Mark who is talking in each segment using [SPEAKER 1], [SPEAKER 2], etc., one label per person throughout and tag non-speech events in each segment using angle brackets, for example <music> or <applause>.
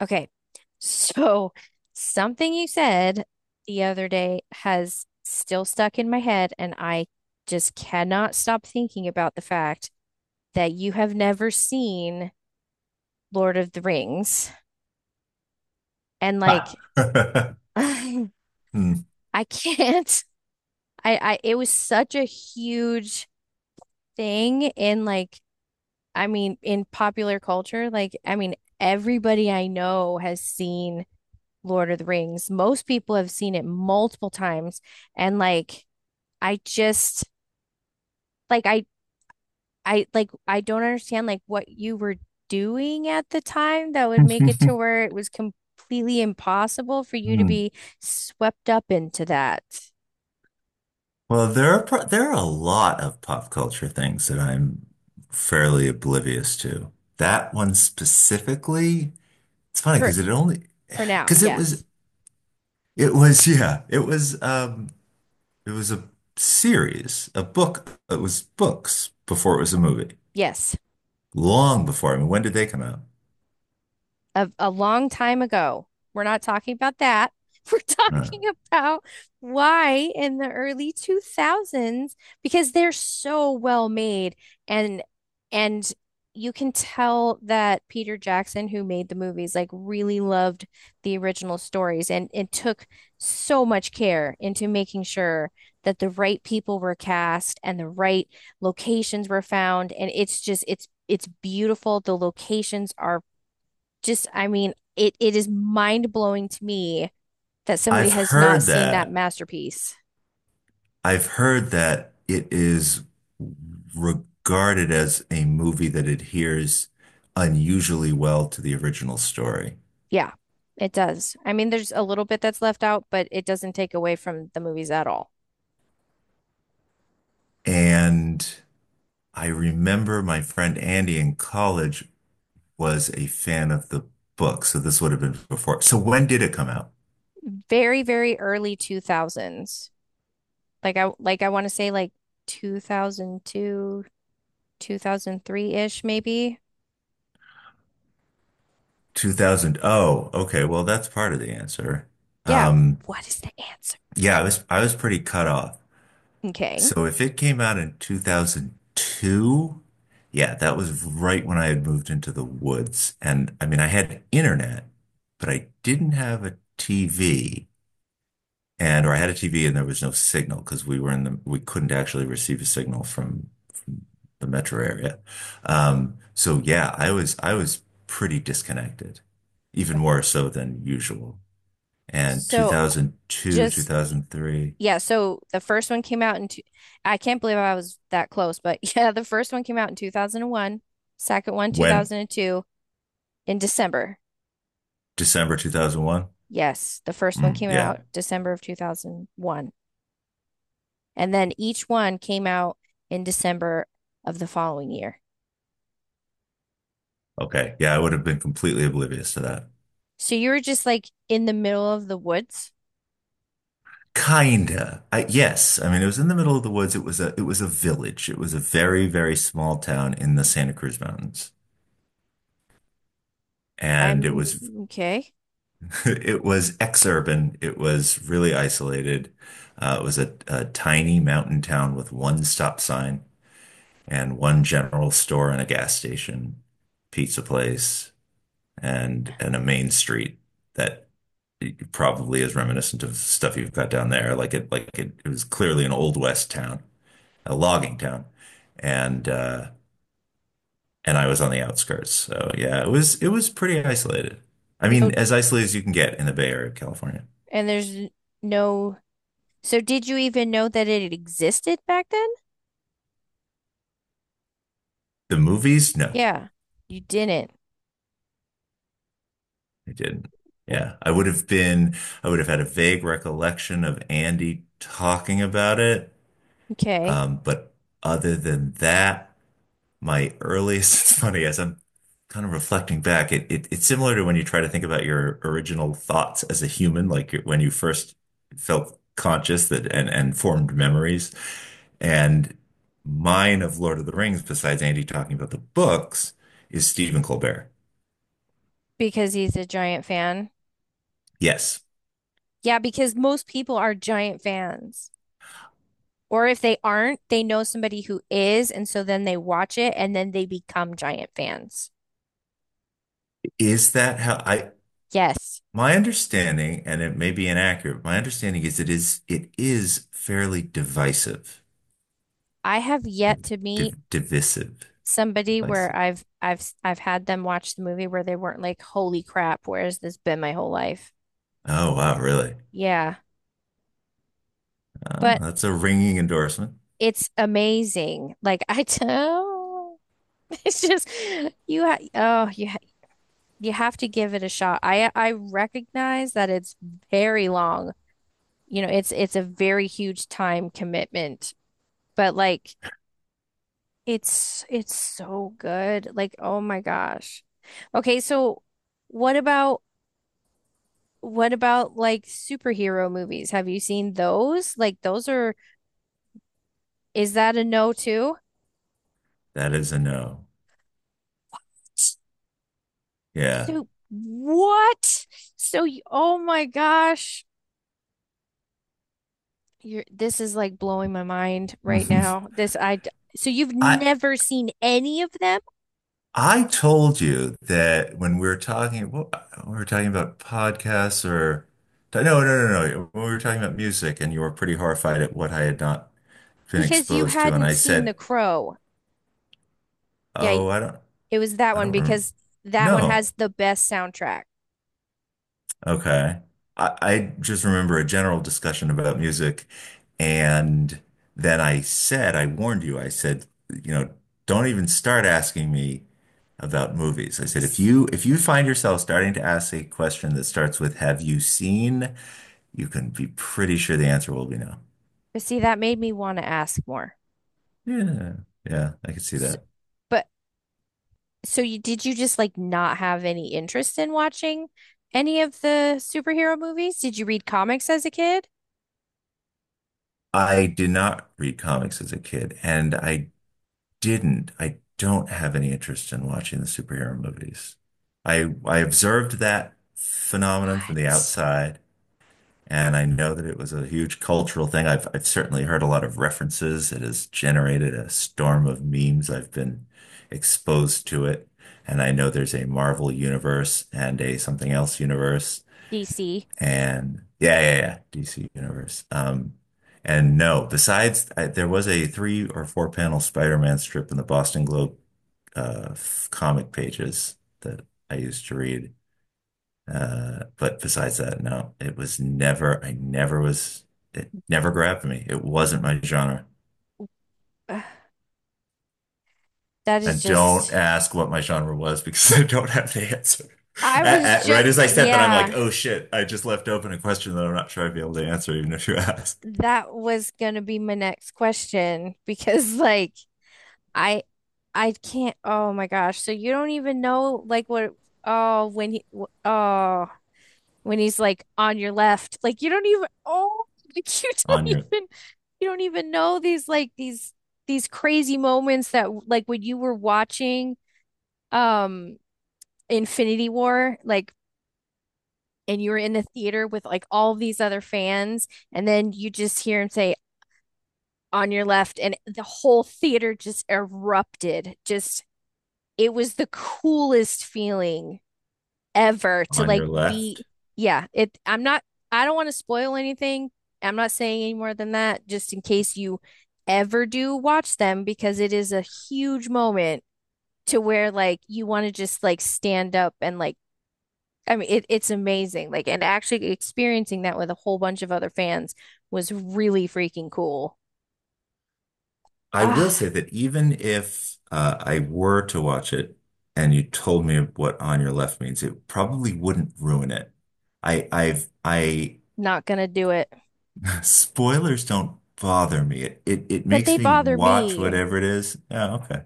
[SPEAKER 1] Okay. So something you said the other day has still stuck in my head, and I just cannot stop thinking about the fact that you have never seen Lord of the Rings. And like,
[SPEAKER 2] Ah. <laughs>
[SPEAKER 1] <laughs> I
[SPEAKER 2] Hmm.
[SPEAKER 1] can't. It was such a huge thing in like, I mean, in popular culture. Like, I mean, everybody I know has seen Lord of the Rings. Most people have seen it multiple times. And like, I just like I like I don't understand like what you were doing at the time that would make it to
[SPEAKER 2] <laughs>
[SPEAKER 1] where it was completely impossible for you to
[SPEAKER 2] Hmm.
[SPEAKER 1] be swept up into that.
[SPEAKER 2] Well, there are a lot of pop culture things that I'm fairly oblivious to. That one specifically, it's funny
[SPEAKER 1] For for now,
[SPEAKER 2] because it
[SPEAKER 1] yes.
[SPEAKER 2] was it was <laughs> it was it was a series a book it was books before it was a movie
[SPEAKER 1] Yes.
[SPEAKER 2] long before. I mean, when did they come out?
[SPEAKER 1] A long time ago. We're not talking about that. <laughs> We're
[SPEAKER 2] I don't know.
[SPEAKER 1] talking about why in the early 2000s, because they're so well made and and you can tell that Peter Jackson, who made the movies, like really loved the original stories and took so much care into making sure that the right people were cast and the right locations were found. And it's just it's beautiful. The locations are just, I mean, it is mind-blowing to me that somebody
[SPEAKER 2] I've
[SPEAKER 1] has not
[SPEAKER 2] heard
[SPEAKER 1] seen that
[SPEAKER 2] that.
[SPEAKER 1] masterpiece.
[SPEAKER 2] I've heard that it is regarded as a movie that adheres unusually well to the original story.
[SPEAKER 1] Yeah, it does. I mean, there's a little bit that's left out, but it doesn't take away from the movies at all.
[SPEAKER 2] And I remember my friend Andy in college was a fan of the book. So this would have been before. So when did it come out?
[SPEAKER 1] Very, very early 2000s. Like I want to say like 2002, 2003-ish maybe.
[SPEAKER 2] 2000. Oh, okay. Well, that's part of the answer.
[SPEAKER 1] Yeah,
[SPEAKER 2] Um,
[SPEAKER 1] what is the answer?
[SPEAKER 2] yeah, I was pretty cut off.
[SPEAKER 1] Okay.
[SPEAKER 2] So if it came out in 2002, yeah, that was right when I had moved into the woods. And I mean, I had internet, but I didn't have a TV. And or I had a TV and there was no signal because we were in the we couldn't actually receive a signal from the metro area. So yeah, I was pretty disconnected, even more so than usual. And
[SPEAKER 1] So
[SPEAKER 2] 2002,
[SPEAKER 1] just,
[SPEAKER 2] 2003,
[SPEAKER 1] yeah, so the first one came out in two, I can't believe I was that close, but <laughs> yeah, the first one came out in 2001, second one
[SPEAKER 2] when
[SPEAKER 1] 2002 in December.
[SPEAKER 2] December 2001.
[SPEAKER 1] Yes, the first one
[SPEAKER 2] Mm,
[SPEAKER 1] came
[SPEAKER 2] yeah.
[SPEAKER 1] out December of 2001. And then each one came out in December of the following year.
[SPEAKER 2] Okay. Yeah, I would have been completely oblivious to that.
[SPEAKER 1] So you were just like in the middle of the woods.
[SPEAKER 2] Kinda. Yes. I mean, it was in the middle of the woods. It was a village. It was a very, very small town in the Santa Cruz Mountains. And it
[SPEAKER 1] I'm
[SPEAKER 2] was
[SPEAKER 1] okay.
[SPEAKER 2] <laughs> it was ex-urban. It was really isolated. It was a tiny mountain town with one stop sign and one general store and a gas station, pizza place, and a main street that it probably is reminiscent of stuff you've got down there. Like it, it was clearly an old west town, a logging town, and uh, and I was on the outskirts. So yeah, it was pretty isolated. I mean,
[SPEAKER 1] No,
[SPEAKER 2] as isolated as you can get in the Bay Area of California.
[SPEAKER 1] and there's no. So did you even know that it existed back then?
[SPEAKER 2] The movies, no,
[SPEAKER 1] Yeah, you didn't.
[SPEAKER 2] I didn't. Yeah, I would have had a vague recollection of Andy talking about it,
[SPEAKER 1] Okay.
[SPEAKER 2] but other than that, my earliest, <laughs> it's funny as I'm kind of reflecting back, it's similar to when you try to think about your original thoughts as a human, like when you first felt conscious and formed memories. And mine of Lord of the Rings, besides Andy talking about the books, is Stephen Colbert.
[SPEAKER 1] Because he's a giant fan.
[SPEAKER 2] Yes.
[SPEAKER 1] Yeah, because most people are giant fans. Or if they aren't, they know somebody who is, and so then they watch it and then they become giant fans.
[SPEAKER 2] Is that how I
[SPEAKER 1] Yes.
[SPEAKER 2] my understanding, and it may be inaccurate, my understanding is it is fairly divisive.
[SPEAKER 1] I have
[SPEAKER 2] Div,
[SPEAKER 1] yet to meet
[SPEAKER 2] divisive.
[SPEAKER 1] somebody where
[SPEAKER 2] Divisive.
[SPEAKER 1] I've had them watch the movie where they weren't like, "Holy crap, where has this been my whole life?"
[SPEAKER 2] Oh wow, really?
[SPEAKER 1] Yeah.
[SPEAKER 2] Oh,
[SPEAKER 1] But
[SPEAKER 2] that's a ringing endorsement.
[SPEAKER 1] it's amazing. Like, <laughs> I tell, it's just, oh, you have to give it a shot. I recognize that it's very long. It's a very huge time commitment, but like it's so good. Like, oh my gosh. Okay, so what about, what about like superhero movies? Have you seen those? Like those are, is that a no too?
[SPEAKER 2] That is a no. Yeah.
[SPEAKER 1] So what? So you, oh my gosh. You're, this is like blowing my mind right now.
[SPEAKER 2] <laughs>
[SPEAKER 1] This I, so you've
[SPEAKER 2] I
[SPEAKER 1] never seen any of them
[SPEAKER 2] I told you that when we were talking, what we were talking about podcasts or no, no, no, no. When we were talking about music, and you were pretty horrified at what I had not been
[SPEAKER 1] because you
[SPEAKER 2] exposed to, and
[SPEAKER 1] hadn't
[SPEAKER 2] I
[SPEAKER 1] seen The
[SPEAKER 2] said,
[SPEAKER 1] Crow. Yeah,
[SPEAKER 2] "Oh,
[SPEAKER 1] it was that
[SPEAKER 2] I
[SPEAKER 1] one
[SPEAKER 2] don't rem
[SPEAKER 1] because that one
[SPEAKER 2] no."
[SPEAKER 1] has the best soundtrack.
[SPEAKER 2] Okay. I just remember a general discussion about music, and then I said, I warned you, I said, you know, don't even start asking me about movies. I said, if you find yourself starting to ask a question that starts with "Have you seen?" you can be pretty sure the answer will be no.
[SPEAKER 1] But see, that made me want to ask more.
[SPEAKER 2] Yeah, yeah, I could see
[SPEAKER 1] S
[SPEAKER 2] that.
[SPEAKER 1] But so you did, you just like not have any interest in watching any of the superhero movies? Did you read comics as a kid?
[SPEAKER 2] I did not read comics as a kid, and I didn't. I don't have any interest in watching the superhero movies. I observed that phenomenon from the
[SPEAKER 1] What?
[SPEAKER 2] outside, and I know that it was a huge cultural thing. I've certainly heard a lot of references. It has generated a storm of memes. I've been exposed to it, and I know there's a Marvel universe and a something else universe.
[SPEAKER 1] DC.
[SPEAKER 2] And DC Universe. And no, there was a three or four panel Spider-Man strip in the Boston Globe comic pages that I used to read. But besides that, no, it was never, I never was, it never grabbed me. It wasn't my genre.
[SPEAKER 1] Ugh, that is
[SPEAKER 2] And don't
[SPEAKER 1] just,
[SPEAKER 2] ask what my genre was because <laughs> I don't have the answer.
[SPEAKER 1] I was
[SPEAKER 2] Right
[SPEAKER 1] just,
[SPEAKER 2] as I said that, I'm like,
[SPEAKER 1] yeah.
[SPEAKER 2] oh shit, I just left open a question that I'm not sure I'd be able to answer, even if you <laughs> ask
[SPEAKER 1] That was gonna be my next question, <laughs> because like I I can't, oh my gosh, so you don't even know like what, oh, oh, when he's like on your left, like you don't even, oh, <laughs> like you
[SPEAKER 2] on
[SPEAKER 1] don't
[SPEAKER 2] your
[SPEAKER 1] even you don't even know these, like, these crazy moments that like when you were watching, um Infinity War, like, and you were in the theater with like all these other fans, and then you just hear him say on your left, and the whole theater just erupted, just it was the coolest feeling ever to
[SPEAKER 2] on your
[SPEAKER 1] like be,
[SPEAKER 2] left.
[SPEAKER 1] yeah. it I'm not, I don't want to spoil anything. I'm not saying any more than that, just in case you ever do watch them, because it is a huge moment to where like you want to just like stand up and like, I mean it's amazing, like, and actually experiencing that with a whole bunch of other fans was really freaking cool.
[SPEAKER 2] I will say
[SPEAKER 1] ah
[SPEAKER 2] that even if I were to watch it and you told me what on your left means, it probably wouldn't ruin it. I, I've, I,
[SPEAKER 1] Not gonna do it.
[SPEAKER 2] <laughs> spoilers don't bother me. It
[SPEAKER 1] But
[SPEAKER 2] makes
[SPEAKER 1] they
[SPEAKER 2] me
[SPEAKER 1] bother
[SPEAKER 2] watch
[SPEAKER 1] me.
[SPEAKER 2] whatever it is. Oh, okay.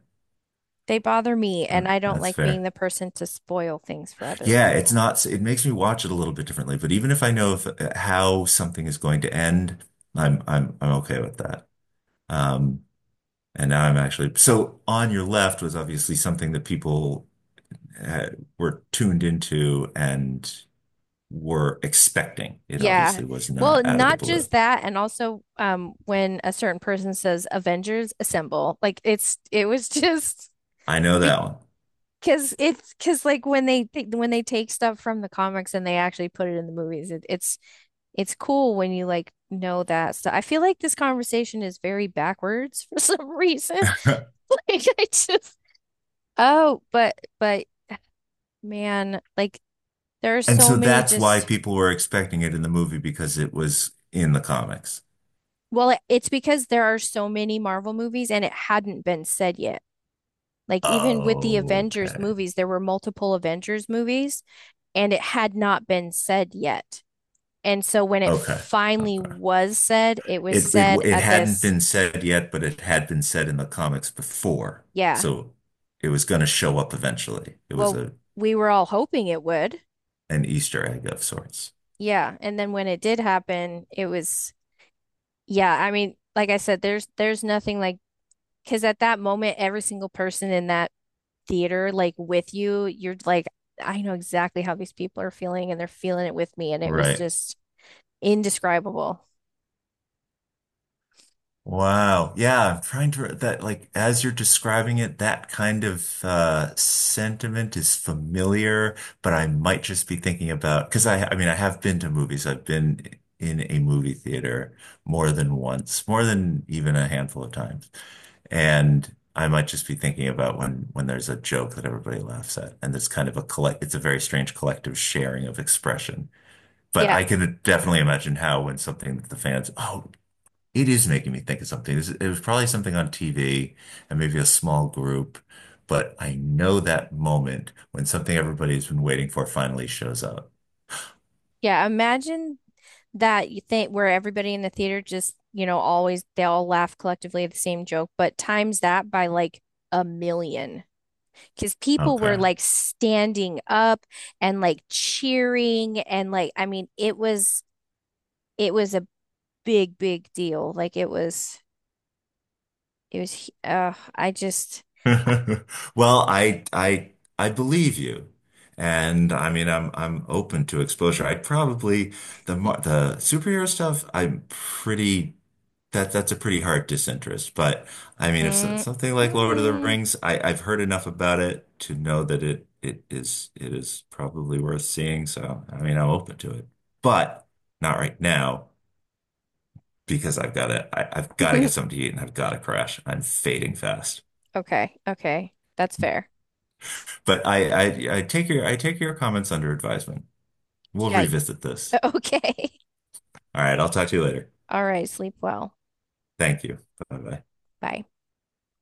[SPEAKER 1] They bother me, and
[SPEAKER 2] Mm,
[SPEAKER 1] I don't
[SPEAKER 2] that's
[SPEAKER 1] like being
[SPEAKER 2] fair.
[SPEAKER 1] the person to spoil things for other
[SPEAKER 2] Yeah, it's
[SPEAKER 1] people.
[SPEAKER 2] not, it makes me watch it a little bit differently, but even if I know if, how something is going to end, I'm okay with that. Um, and now I'm actually, so on your left was obviously something that people uh, were tuned into and were expecting. It
[SPEAKER 1] Yeah.
[SPEAKER 2] obviously was
[SPEAKER 1] Well,
[SPEAKER 2] not out of the
[SPEAKER 1] not
[SPEAKER 2] blue.
[SPEAKER 1] just that, and also when a certain person says Avengers assemble, like it was <laughs> just
[SPEAKER 2] I know that
[SPEAKER 1] because like when they take stuff from the comics and they actually put it in the movies, it's cool when you like know that stuff. I feel like this conversation is very backwards <laughs> for some reason.
[SPEAKER 2] one.
[SPEAKER 1] <laughs>
[SPEAKER 2] <laughs>
[SPEAKER 1] Like I just. Oh, but man, like there are
[SPEAKER 2] And
[SPEAKER 1] so
[SPEAKER 2] so
[SPEAKER 1] many
[SPEAKER 2] that's why
[SPEAKER 1] just,
[SPEAKER 2] people were expecting it in the movie because it was in the comics.
[SPEAKER 1] well, it's because there are so many Marvel movies and it hadn't been said yet. Like even with the Avengers
[SPEAKER 2] Okay.
[SPEAKER 1] movies, there were multiple Avengers movies and it had not been said yet. And so when it
[SPEAKER 2] Okay.
[SPEAKER 1] finally
[SPEAKER 2] Okay.
[SPEAKER 1] was said, it was said
[SPEAKER 2] It
[SPEAKER 1] at
[SPEAKER 2] hadn't
[SPEAKER 1] this,
[SPEAKER 2] been said yet, but it had been said in the comics before.
[SPEAKER 1] yeah,
[SPEAKER 2] So it was going to show up eventually. It was
[SPEAKER 1] well,
[SPEAKER 2] a
[SPEAKER 1] we were all hoping it would.
[SPEAKER 2] an Easter egg of sorts.
[SPEAKER 1] Yeah. And then when it did happen, it was, yeah, I mean, like I said, there's nothing like, because at that moment, every single person in that theater, like with you, you're like, I know exactly how these people are feeling and they're feeling it with me. And it was
[SPEAKER 2] Right.
[SPEAKER 1] just indescribable.
[SPEAKER 2] Wow. Yeah, I'm trying to that like as you're describing it, that kind of sentiment is familiar, but I might just be thinking about because I mean I have been to movies. I've been in a movie theater more than once, more than even a handful of times. And I might just be thinking about when there's a joke that everybody laughs at and there's kind of a collect it's a very strange collective sharing of expression. But
[SPEAKER 1] Yeah.
[SPEAKER 2] I could definitely imagine how when something that the fans, oh, it is making me think of something. This- it was probably something on TV and maybe a small group, but I know that moment when something everybody's been waiting for finally shows up.
[SPEAKER 1] Yeah. Imagine that you think where everybody in the theater just, always they all laugh collectively at the same joke, but times that by like a million, because people were
[SPEAKER 2] Okay.
[SPEAKER 1] like standing up and like cheering and like, I mean it was a big big deal like it was I just.
[SPEAKER 2] <laughs> Well, I believe you. And I mean, I'm open to exposure. I'd probably the the superhero stuff, I'm pretty that's a pretty hard disinterest. But I mean, if
[SPEAKER 1] Mm,
[SPEAKER 2] something like Lord of the
[SPEAKER 1] mm.
[SPEAKER 2] Rings, I've heard enough about it to know that it is probably worth seeing. So, I mean, I'm open to it. But not right now because I've got to get
[SPEAKER 1] <laughs>
[SPEAKER 2] something to eat and I've got to crash. I'm fading fast.
[SPEAKER 1] Okay, okay. That's fair.
[SPEAKER 2] But I, I take your comments under advisement. We'll
[SPEAKER 1] Yeah.
[SPEAKER 2] revisit this.
[SPEAKER 1] Okay.
[SPEAKER 2] All right, I'll talk to you later.
[SPEAKER 1] <laughs> All right. Sleep well.
[SPEAKER 2] Thank you. Bye bye.
[SPEAKER 1] Bye.